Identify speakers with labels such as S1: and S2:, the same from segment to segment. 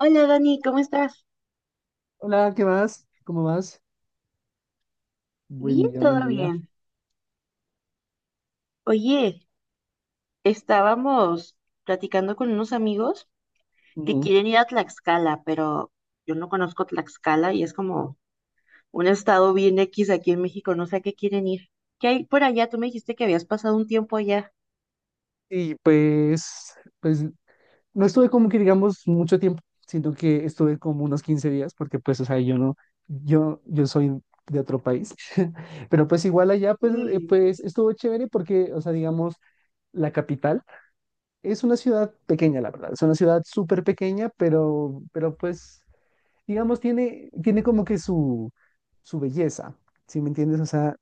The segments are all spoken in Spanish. S1: Hola Dani, ¿cómo estás?
S2: Hola, ¿qué más? ¿Cómo vas?
S1: Bien,
S2: Buen día, buen
S1: todo
S2: día.
S1: bien. Oye, estábamos platicando con unos amigos que
S2: Ujú.
S1: quieren ir a Tlaxcala, pero yo no conozco Tlaxcala y es como un estado bien X aquí en México, no sé a qué quieren ir. ¿Qué hay por allá? Tú me dijiste que habías pasado un tiempo allá.
S2: Y pues, pues no estuve como que digamos mucho tiempo, siento que estuve como unos 15 días, porque pues, o sea, yo no, yo soy de otro país, pero pues igual allá pues,
S1: Mm,
S2: pues estuvo chévere porque, o sea, digamos, la capital es una ciudad pequeña, la verdad, es una ciudad súper pequeña, pero pues, digamos, tiene como que su belleza, ¿sí me entiendes? O sea,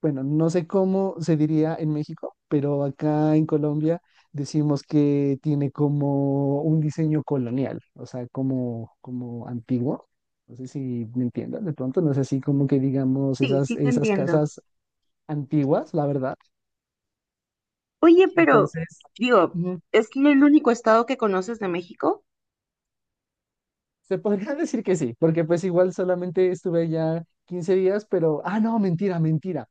S2: bueno, no sé cómo se diría en México, pero acá en Colombia decimos que tiene como un diseño colonial, o sea, como, como antiguo. No sé si me entiendan de pronto, no es así como que digamos
S1: sí,
S2: esas,
S1: sí te
S2: esas
S1: entiendo.
S2: casas antiguas, la verdad.
S1: Oye, pero
S2: Entonces,
S1: digo,
S2: mm,
S1: ¿es el único estado que conoces de México?
S2: se podría decir que sí, porque pues igual solamente estuve allá 15 días, pero, ah, no, mentira, mentira.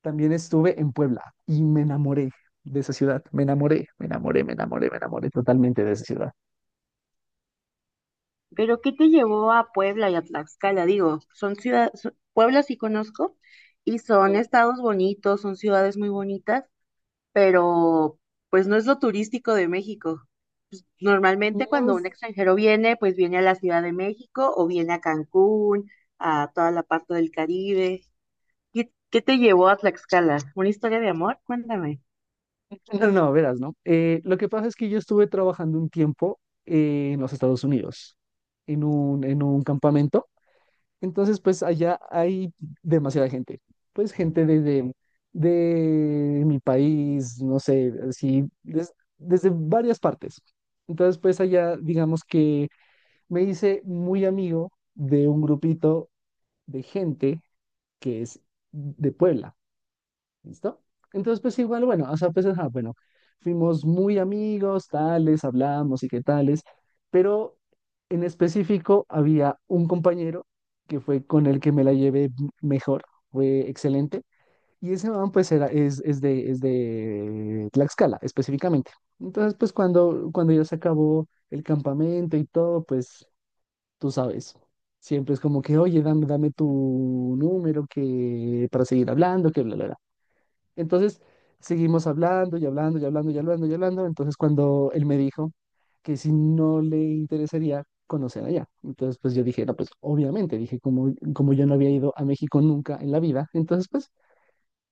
S2: También estuve en Puebla y me enamoré de esa ciudad. Me enamoré, me enamoré, me enamoré, me enamoré totalmente de esa ciudad.
S1: Pero ¿qué te llevó a Puebla y a Tlaxcala? Digo, son ciudades, Puebla sí conozco y son estados bonitos, son ciudades muy bonitas, pero pues no es lo turístico de México. Pues, normalmente cuando
S2: No,
S1: un extranjero viene, pues viene a la Ciudad de México o viene a Cancún, a toda la parte del Caribe. ¿Qué te llevó a Tlaxcala? ¿Una historia de amor? Cuéntame.
S2: no, no, verás, ¿no? Lo que pasa es que yo estuve trabajando un tiempo en los Estados Unidos, en un campamento. Entonces, pues allá hay demasiada gente. Pues gente desde de mi país, no sé, así, desde varias partes. Entonces, pues allá, digamos que me hice muy amigo de un grupito de gente que es de Puebla, ¿listo? Entonces, pues igual, bueno, o sea, pues, ajá, bueno, fuimos muy amigos, tales, hablamos y qué tales, pero en específico había un compañero que fue con el que me la llevé mejor, fue excelente, y ese man, pues, era, es de Tlaxcala, específicamente. Entonces, pues, cuando ya se acabó el campamento y todo, pues tú sabes. Siempre es como que, oye, dame tu número que, para seguir hablando, que bla, bla, bla. Entonces, seguimos hablando y hablando y hablando y hablando y hablando. Entonces, cuando él me dijo que si no le interesaría conocer allá. Entonces, pues yo dije, no, pues obviamente, dije, como, como yo no había ido a México nunca en la vida, entonces, pues,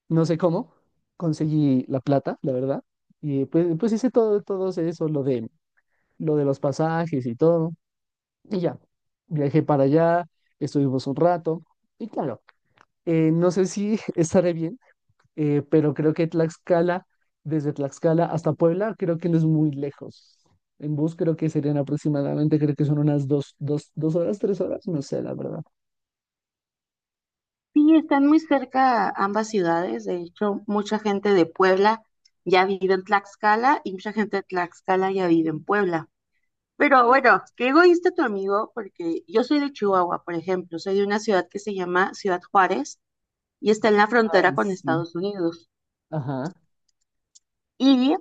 S2: no sé cómo, conseguí la plata, la verdad, y pues, pues hice todo, todo eso, lo de los pasajes y todo. Y ya, viajé para allá, estuvimos un rato y claro, no sé si estaré bien, pero creo que Tlaxcala, desde Tlaxcala hasta Puebla, creo que no es muy lejos. En bus creo que serían aproximadamente, creo que son unas dos horas, tres horas, no sé, la verdad.
S1: Sí, están muy cerca ambas ciudades. De hecho, mucha gente de Puebla ya vive en Tlaxcala y mucha gente de Tlaxcala ya vive en Puebla. Pero
S2: Ujú.
S1: bueno, qué egoísta tu amigo, porque yo soy de Chihuahua, por ejemplo. Soy de una ciudad que se llama Ciudad Juárez y está en la frontera
S2: Ay,
S1: con
S2: sí,
S1: Estados Unidos.
S2: ajá,
S1: Y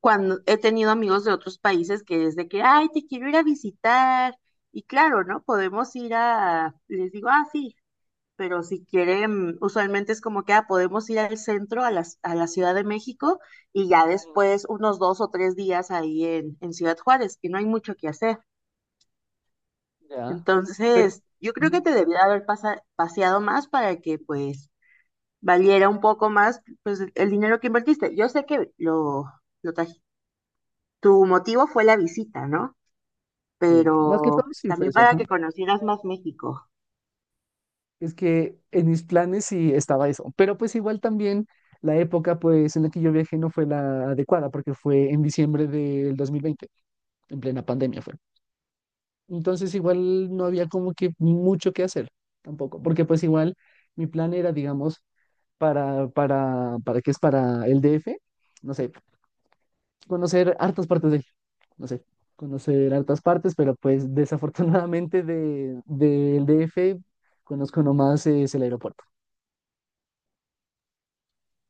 S1: cuando he tenido amigos de otros países que desde que, ay, te quiero ir a visitar. Y claro, ¿no? Podemos ir a, les digo, ah, sí, pero si quieren, usualmente es como que ah, podemos ir al centro, a la, Ciudad de México, y ya
S2: ujú,
S1: después unos dos o tres días ahí en Ciudad Juárez, que no hay mucho que hacer.
S2: ya. Pero
S1: Entonces, yo creo que
S2: ujú,
S1: te debía haber paseado más para que pues valiera un poco más pues el dinero que invertiste. Yo sé que lo traj- tu motivo fue la visita, ¿no?
S2: sí, más que
S1: Pero
S2: todo sí fue
S1: también
S2: eso,
S1: para
S2: ajá.
S1: que conocieras más México.
S2: Es que en mis planes sí estaba eso, pero pues igual también la época pues en la que yo viajé no fue la adecuada porque fue en diciembre del 2020 en plena pandemia fue. Entonces igual no había como que mucho que hacer tampoco, porque pues igual mi plan era, digamos, para qué es para el DF, no sé, conocer hartas partes de, no sé, conocer hartas partes, pero pues desafortunadamente de, del DF conozco nomás es el aeropuerto.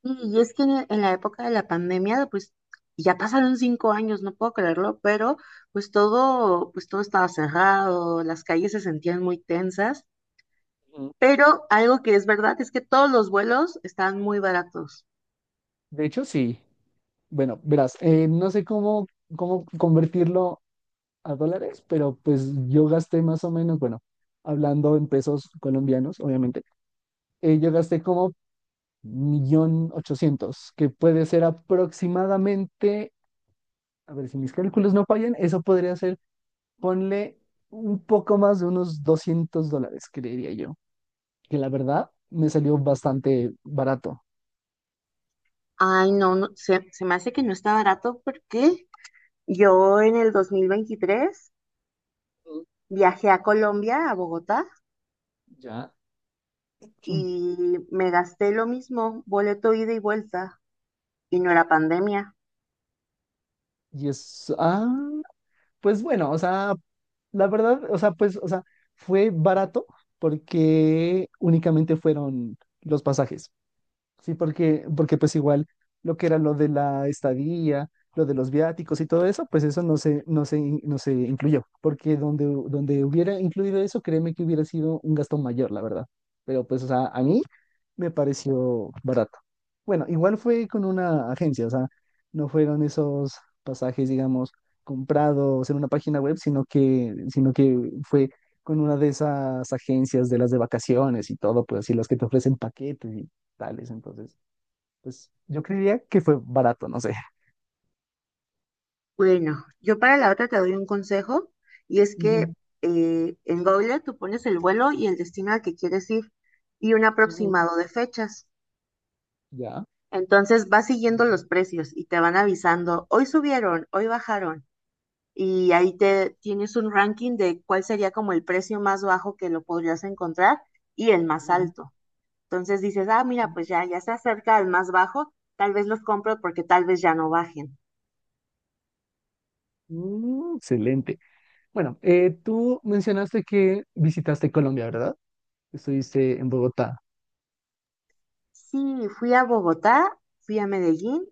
S1: Y es que en la época de la pandemia, pues ya pasaron 5 años, no puedo creerlo, pero pues todo estaba cerrado, las calles se sentían muy tensas, pero algo que es verdad es que todos los vuelos estaban muy baratos.
S2: De hecho, sí. Bueno, verás, no sé cómo, cómo convertirlo a dólares, pero pues yo gasté más o menos, bueno, hablando en pesos colombianos, obviamente, yo gasté como millón ochocientos, que puede ser aproximadamente, a ver si mis cálculos no fallan, eso podría ser, ponle un poco más de unos 200 dólares, creería yo, que la verdad me salió bastante barato.
S1: Ay, no, no, se me hace que no está barato porque yo en el 2023
S2: Mm,
S1: viajé a Colombia, a Bogotá,
S2: ya. Mm.
S1: y me gasté lo mismo, boleto ida y vuelta, y no era pandemia.
S2: Y es, ah, pues bueno, o sea, la verdad, o sea, pues, o sea, fue barato porque únicamente fueron los pasajes, ¿sí? Porque, porque pues igual lo que era lo de la estadía, lo de los viáticos y todo eso, pues eso no se incluyó, porque donde hubiera incluido eso, créeme que hubiera sido un gasto mayor, la verdad. Pero pues, o sea, a mí me pareció barato. Bueno, igual fue con una agencia, o sea, no fueron esos pasajes, digamos, comprados en una página web, sino que fue con una de esas agencias de las de vacaciones y todo, pues así las que te ofrecen paquetes y tales. Entonces, pues yo creería que fue barato, no sé.
S1: Bueno, yo para la otra te doy un consejo y es que
S2: Ujú,
S1: en Google tú pones el vuelo y el destino al que quieres ir y un
S2: ujú,
S1: aproximado de fechas.
S2: ya,
S1: Entonces vas siguiendo los precios y te van avisando, hoy subieron, hoy bajaron y ahí te tienes un ranking de cuál sería como el precio más bajo que lo podrías encontrar y el más
S2: ujú.
S1: alto. Entonces dices, ah, mira, pues ya se acerca el más bajo, tal vez los compro porque tal vez ya no bajen.
S2: Mm, excelente. Bueno, tú mencionaste que visitaste Colombia, ¿verdad? Estuviste en Bogotá.
S1: Sí, fui a Bogotá, fui a Medellín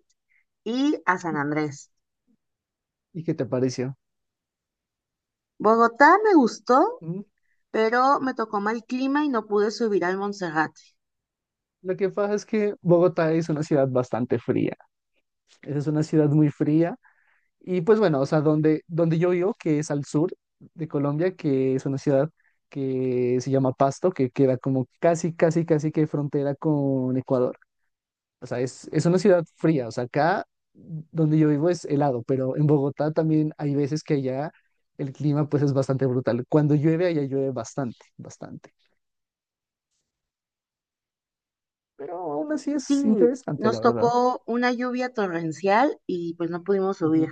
S1: y a San Andrés.
S2: ¿Y qué te pareció?
S1: Bogotá me gustó,
S2: Mm,
S1: pero me tocó mal clima y no pude subir al Monserrate.
S2: lo que pasa es que Bogotá es una ciudad bastante fría. Es una ciudad muy fría. Y pues bueno, o sea, donde yo vivo, que es al sur de Colombia, que es una ciudad que se llama Pasto, que queda como casi que frontera con Ecuador. O sea, es una ciudad fría. O sea, acá donde yo vivo es helado, pero en Bogotá también hay veces que allá el clima pues es bastante brutal. Cuando llueve, allá llueve bastante, bastante. Pero aún así es
S1: Sí,
S2: interesante, la
S1: nos
S2: verdad.
S1: tocó una lluvia torrencial y pues no pudimos subir.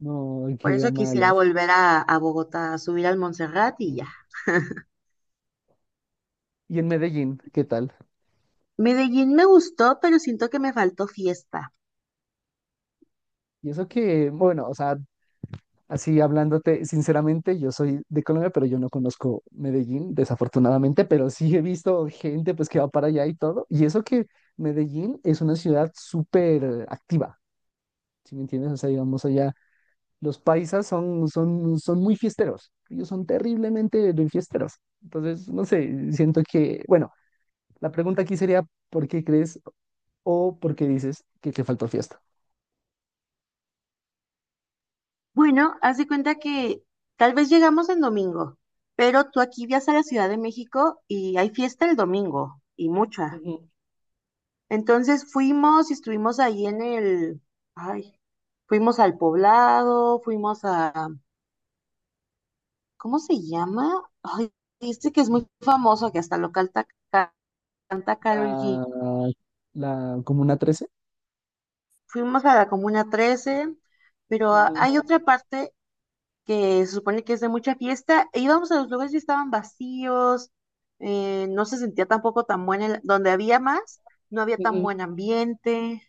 S2: No, qué
S1: Por eso quisiera
S2: malas.
S1: volver a Bogotá, a subir al Monserrate y ya.
S2: Mm. Y en Medellín, ¿qué tal?
S1: Medellín me gustó, pero siento que me faltó fiesta.
S2: Y eso que, bueno, o sea, así hablándote, sinceramente, yo soy de Colombia, pero yo no conozco Medellín, desafortunadamente, pero sí he visto gente pues que va para allá y todo. Y eso que Medellín es una ciudad súper activa, ¿sí me entiendes? O sea, digamos allá, los paisas son muy fiesteros, ellos son terriblemente de fiesteros. Entonces, no sé, siento que, bueno, la pregunta aquí sería, ¿por qué crees? O porque dices que te faltó fiesta.
S1: Bueno, haz de cuenta que tal vez llegamos en domingo, pero tú aquí viajas a la Ciudad de México y hay fiesta el domingo, y mucha.
S2: Ujú,
S1: Entonces fuimos y estuvimos ahí en el, ay, fuimos al Poblado, fuimos a, ¿cómo se llama? Ay, este que es muy famoso, que hasta local canta Karol G.
S2: la, la Comuna Trece,
S1: Fuimos a la Comuna 13, pero ah,
S2: ujú,
S1: hay otra parte que se supone que es de mucha fiesta, e íbamos a los lugares y estaban vacíos, no se sentía tampoco tan buena, el- donde había más, no había tan
S2: ujú.
S1: buen ambiente,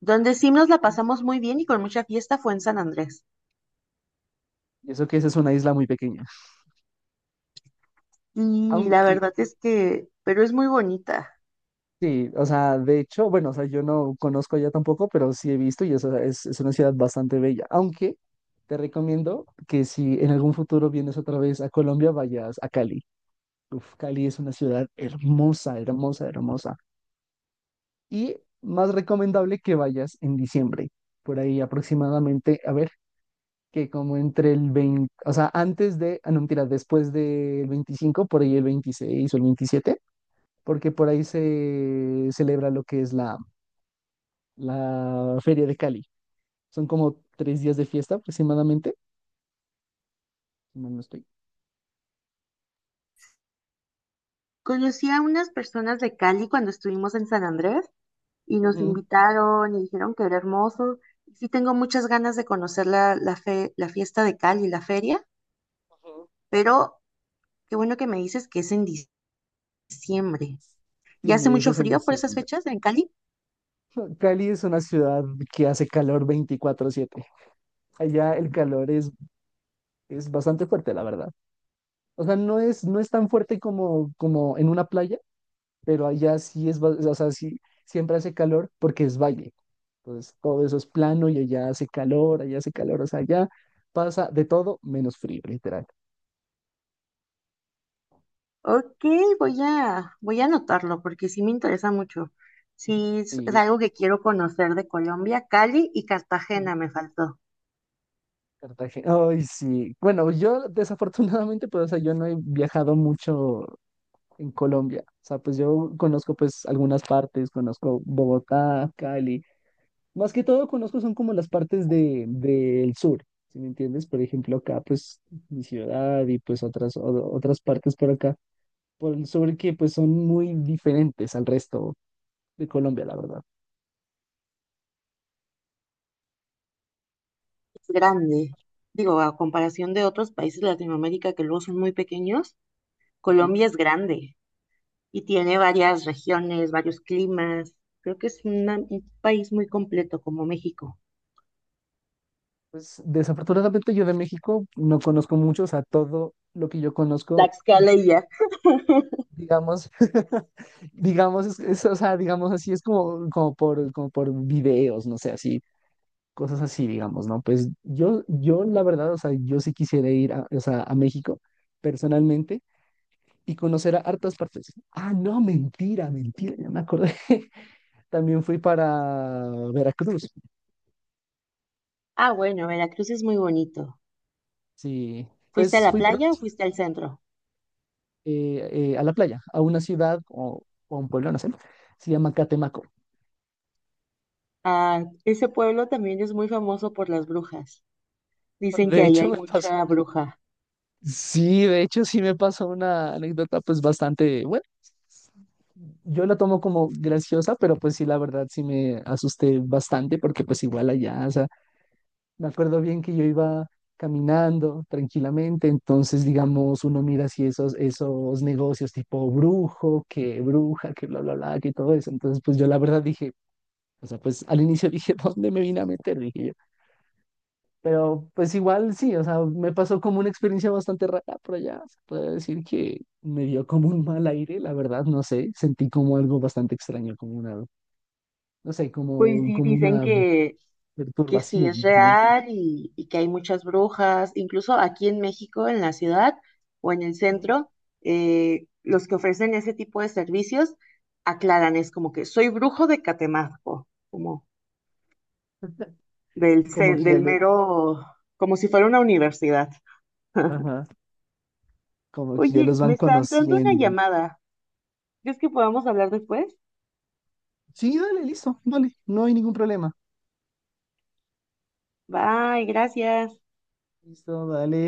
S1: donde sí nos la pasamos muy bien y con mucha fiesta fue en San Andrés.
S2: Y eso que esa es una isla muy pequeña.
S1: Y la
S2: Aunque,
S1: verdad es que, pero es muy bonita.
S2: sí, o sea, de hecho, bueno, o sea, yo no conozco allá tampoco, pero sí he visto y eso es una ciudad bastante bella. Aunque te recomiendo que si en algún futuro vienes otra vez a Colombia, vayas a Cali. Uf, Cali es una ciudad hermosa, hermosa, hermosa. Y más recomendable que vayas en diciembre, por ahí aproximadamente, a ver. Que como entre el 20, o sea, antes de, ah, no mentira, después del 25 por ahí el 26 o el 27, porque por ahí se celebra lo que es la, la Feria de Cali. Son como tres días de fiesta aproximadamente, si mal no estoy.
S1: Conocí a unas personas de Cali cuando estuvimos en San Andrés y nos
S2: Ujú,
S1: invitaron y dijeron que era hermoso. Sí tengo muchas ganas de conocer la, la, la fiesta de Cali, la feria,
S2: ujú.
S1: pero qué bueno que me dices que es en diciembre. diciembre. ¿Ya hace
S2: Sí, eso
S1: mucho
S2: es en
S1: frío por esas
S2: diciembre.
S1: fechas en Cali?
S2: Cali es una ciudad que hace calor veinticuatro siete. Allá el calor es bastante fuerte, la verdad. O sea, no es tan fuerte como, como en una playa, pero allá sí es, o sea, sí, siempre hace calor porque es valle. Entonces, todo eso es plano y allá hace calor, o sea, allá pasa de todo menos frío, literal.
S1: Ok, voy a, anotarlo porque sí me interesa mucho. Sí, es
S2: Y
S1: algo que quiero conocer de Colombia. Cali y Cartagena me faltó.
S2: Cartagena, ay, sí. Bueno, yo desafortunadamente, pues, o sea, yo no he viajado mucho en Colombia. O sea, pues yo conozco pues algunas partes, conozco Bogotá, Cali. Más que todo conozco son como las partes de, del sur, ¿si me entiendes? Por ejemplo, acá pues mi ciudad y pues otras partes por acá, por el sur que pues son muy diferentes al resto de Colombia, la verdad.
S1: Es grande. Digo, a comparación de otros países de Latinoamérica que luego son muy pequeños,
S2: Ujú.
S1: Colombia es grande y tiene varias regiones, varios climas. Creo que es una- un país muy completo como México.
S2: Pues desafortunadamente yo de México no conozco mucho, o sea, todo lo que yo conozco,
S1: Tlaxcala y ya.
S2: digamos, digamos, o sea, digamos así, es como, como por videos, no sé, así cosas así, digamos, ¿no? Pues yo la verdad, o sea, yo sí quisiera ir a, o sea, a México personalmente y conocer a hartas partes. Ah, no, mentira, mentira, ya me acordé. También fui para Veracruz,
S1: Ah, bueno, Veracruz es muy bonito.
S2: sí,
S1: ¿Fuiste a
S2: pues
S1: la
S2: fui para, una
S1: playa o
S2: ciudad,
S1: fuiste al centro?
S2: a la playa, a una ciudad o a un pueblo, no sé, se llama Catemaco.
S1: Ah, ese pueblo también es muy famoso por las brujas. Dicen
S2: De
S1: que ahí
S2: hecho,
S1: hay
S2: me pasó,
S1: mucha bruja.
S2: sí, de hecho, sí me pasó una anécdota pues bastante buena. Yo la tomo como graciosa, pero pues sí, la verdad sí me asusté bastante porque pues igual allá, o sea, me acuerdo bien que yo iba caminando tranquilamente, entonces digamos uno mira así esos negocios tipo brujo, que bruja, que bla, bla, bla, que todo eso, entonces pues yo la verdad dije, o sea, pues al inicio dije, ¿dónde me vine a meter? Dije yo, pero pues igual sí, o sea, me pasó como una experiencia bastante rara por allá, se puede decir que me dio como un mal aire, la verdad, no sé, sentí como algo bastante extraño, como una no sé,
S1: Pues
S2: como,
S1: sí,
S2: como
S1: dicen
S2: una
S1: que sí es
S2: perturbación, ¿sí me entiendes?
S1: real y que hay muchas brujas. Incluso aquí en México, en la ciudad o en el
S2: Sí.
S1: centro, los que ofrecen ese tipo de servicios aclaran, es como que soy brujo de Catemaco, como
S2: Como que ya
S1: del
S2: lo-
S1: mero, como si fuera una universidad.
S2: ajá, como que ya
S1: Oye,
S2: los
S1: me
S2: van
S1: está entrando una
S2: conociendo.
S1: llamada. ¿Crees que podamos hablar después?
S2: Sí, dale, listo, dale, no hay ningún problema.
S1: Bye, gracias.
S2: Listo, dale.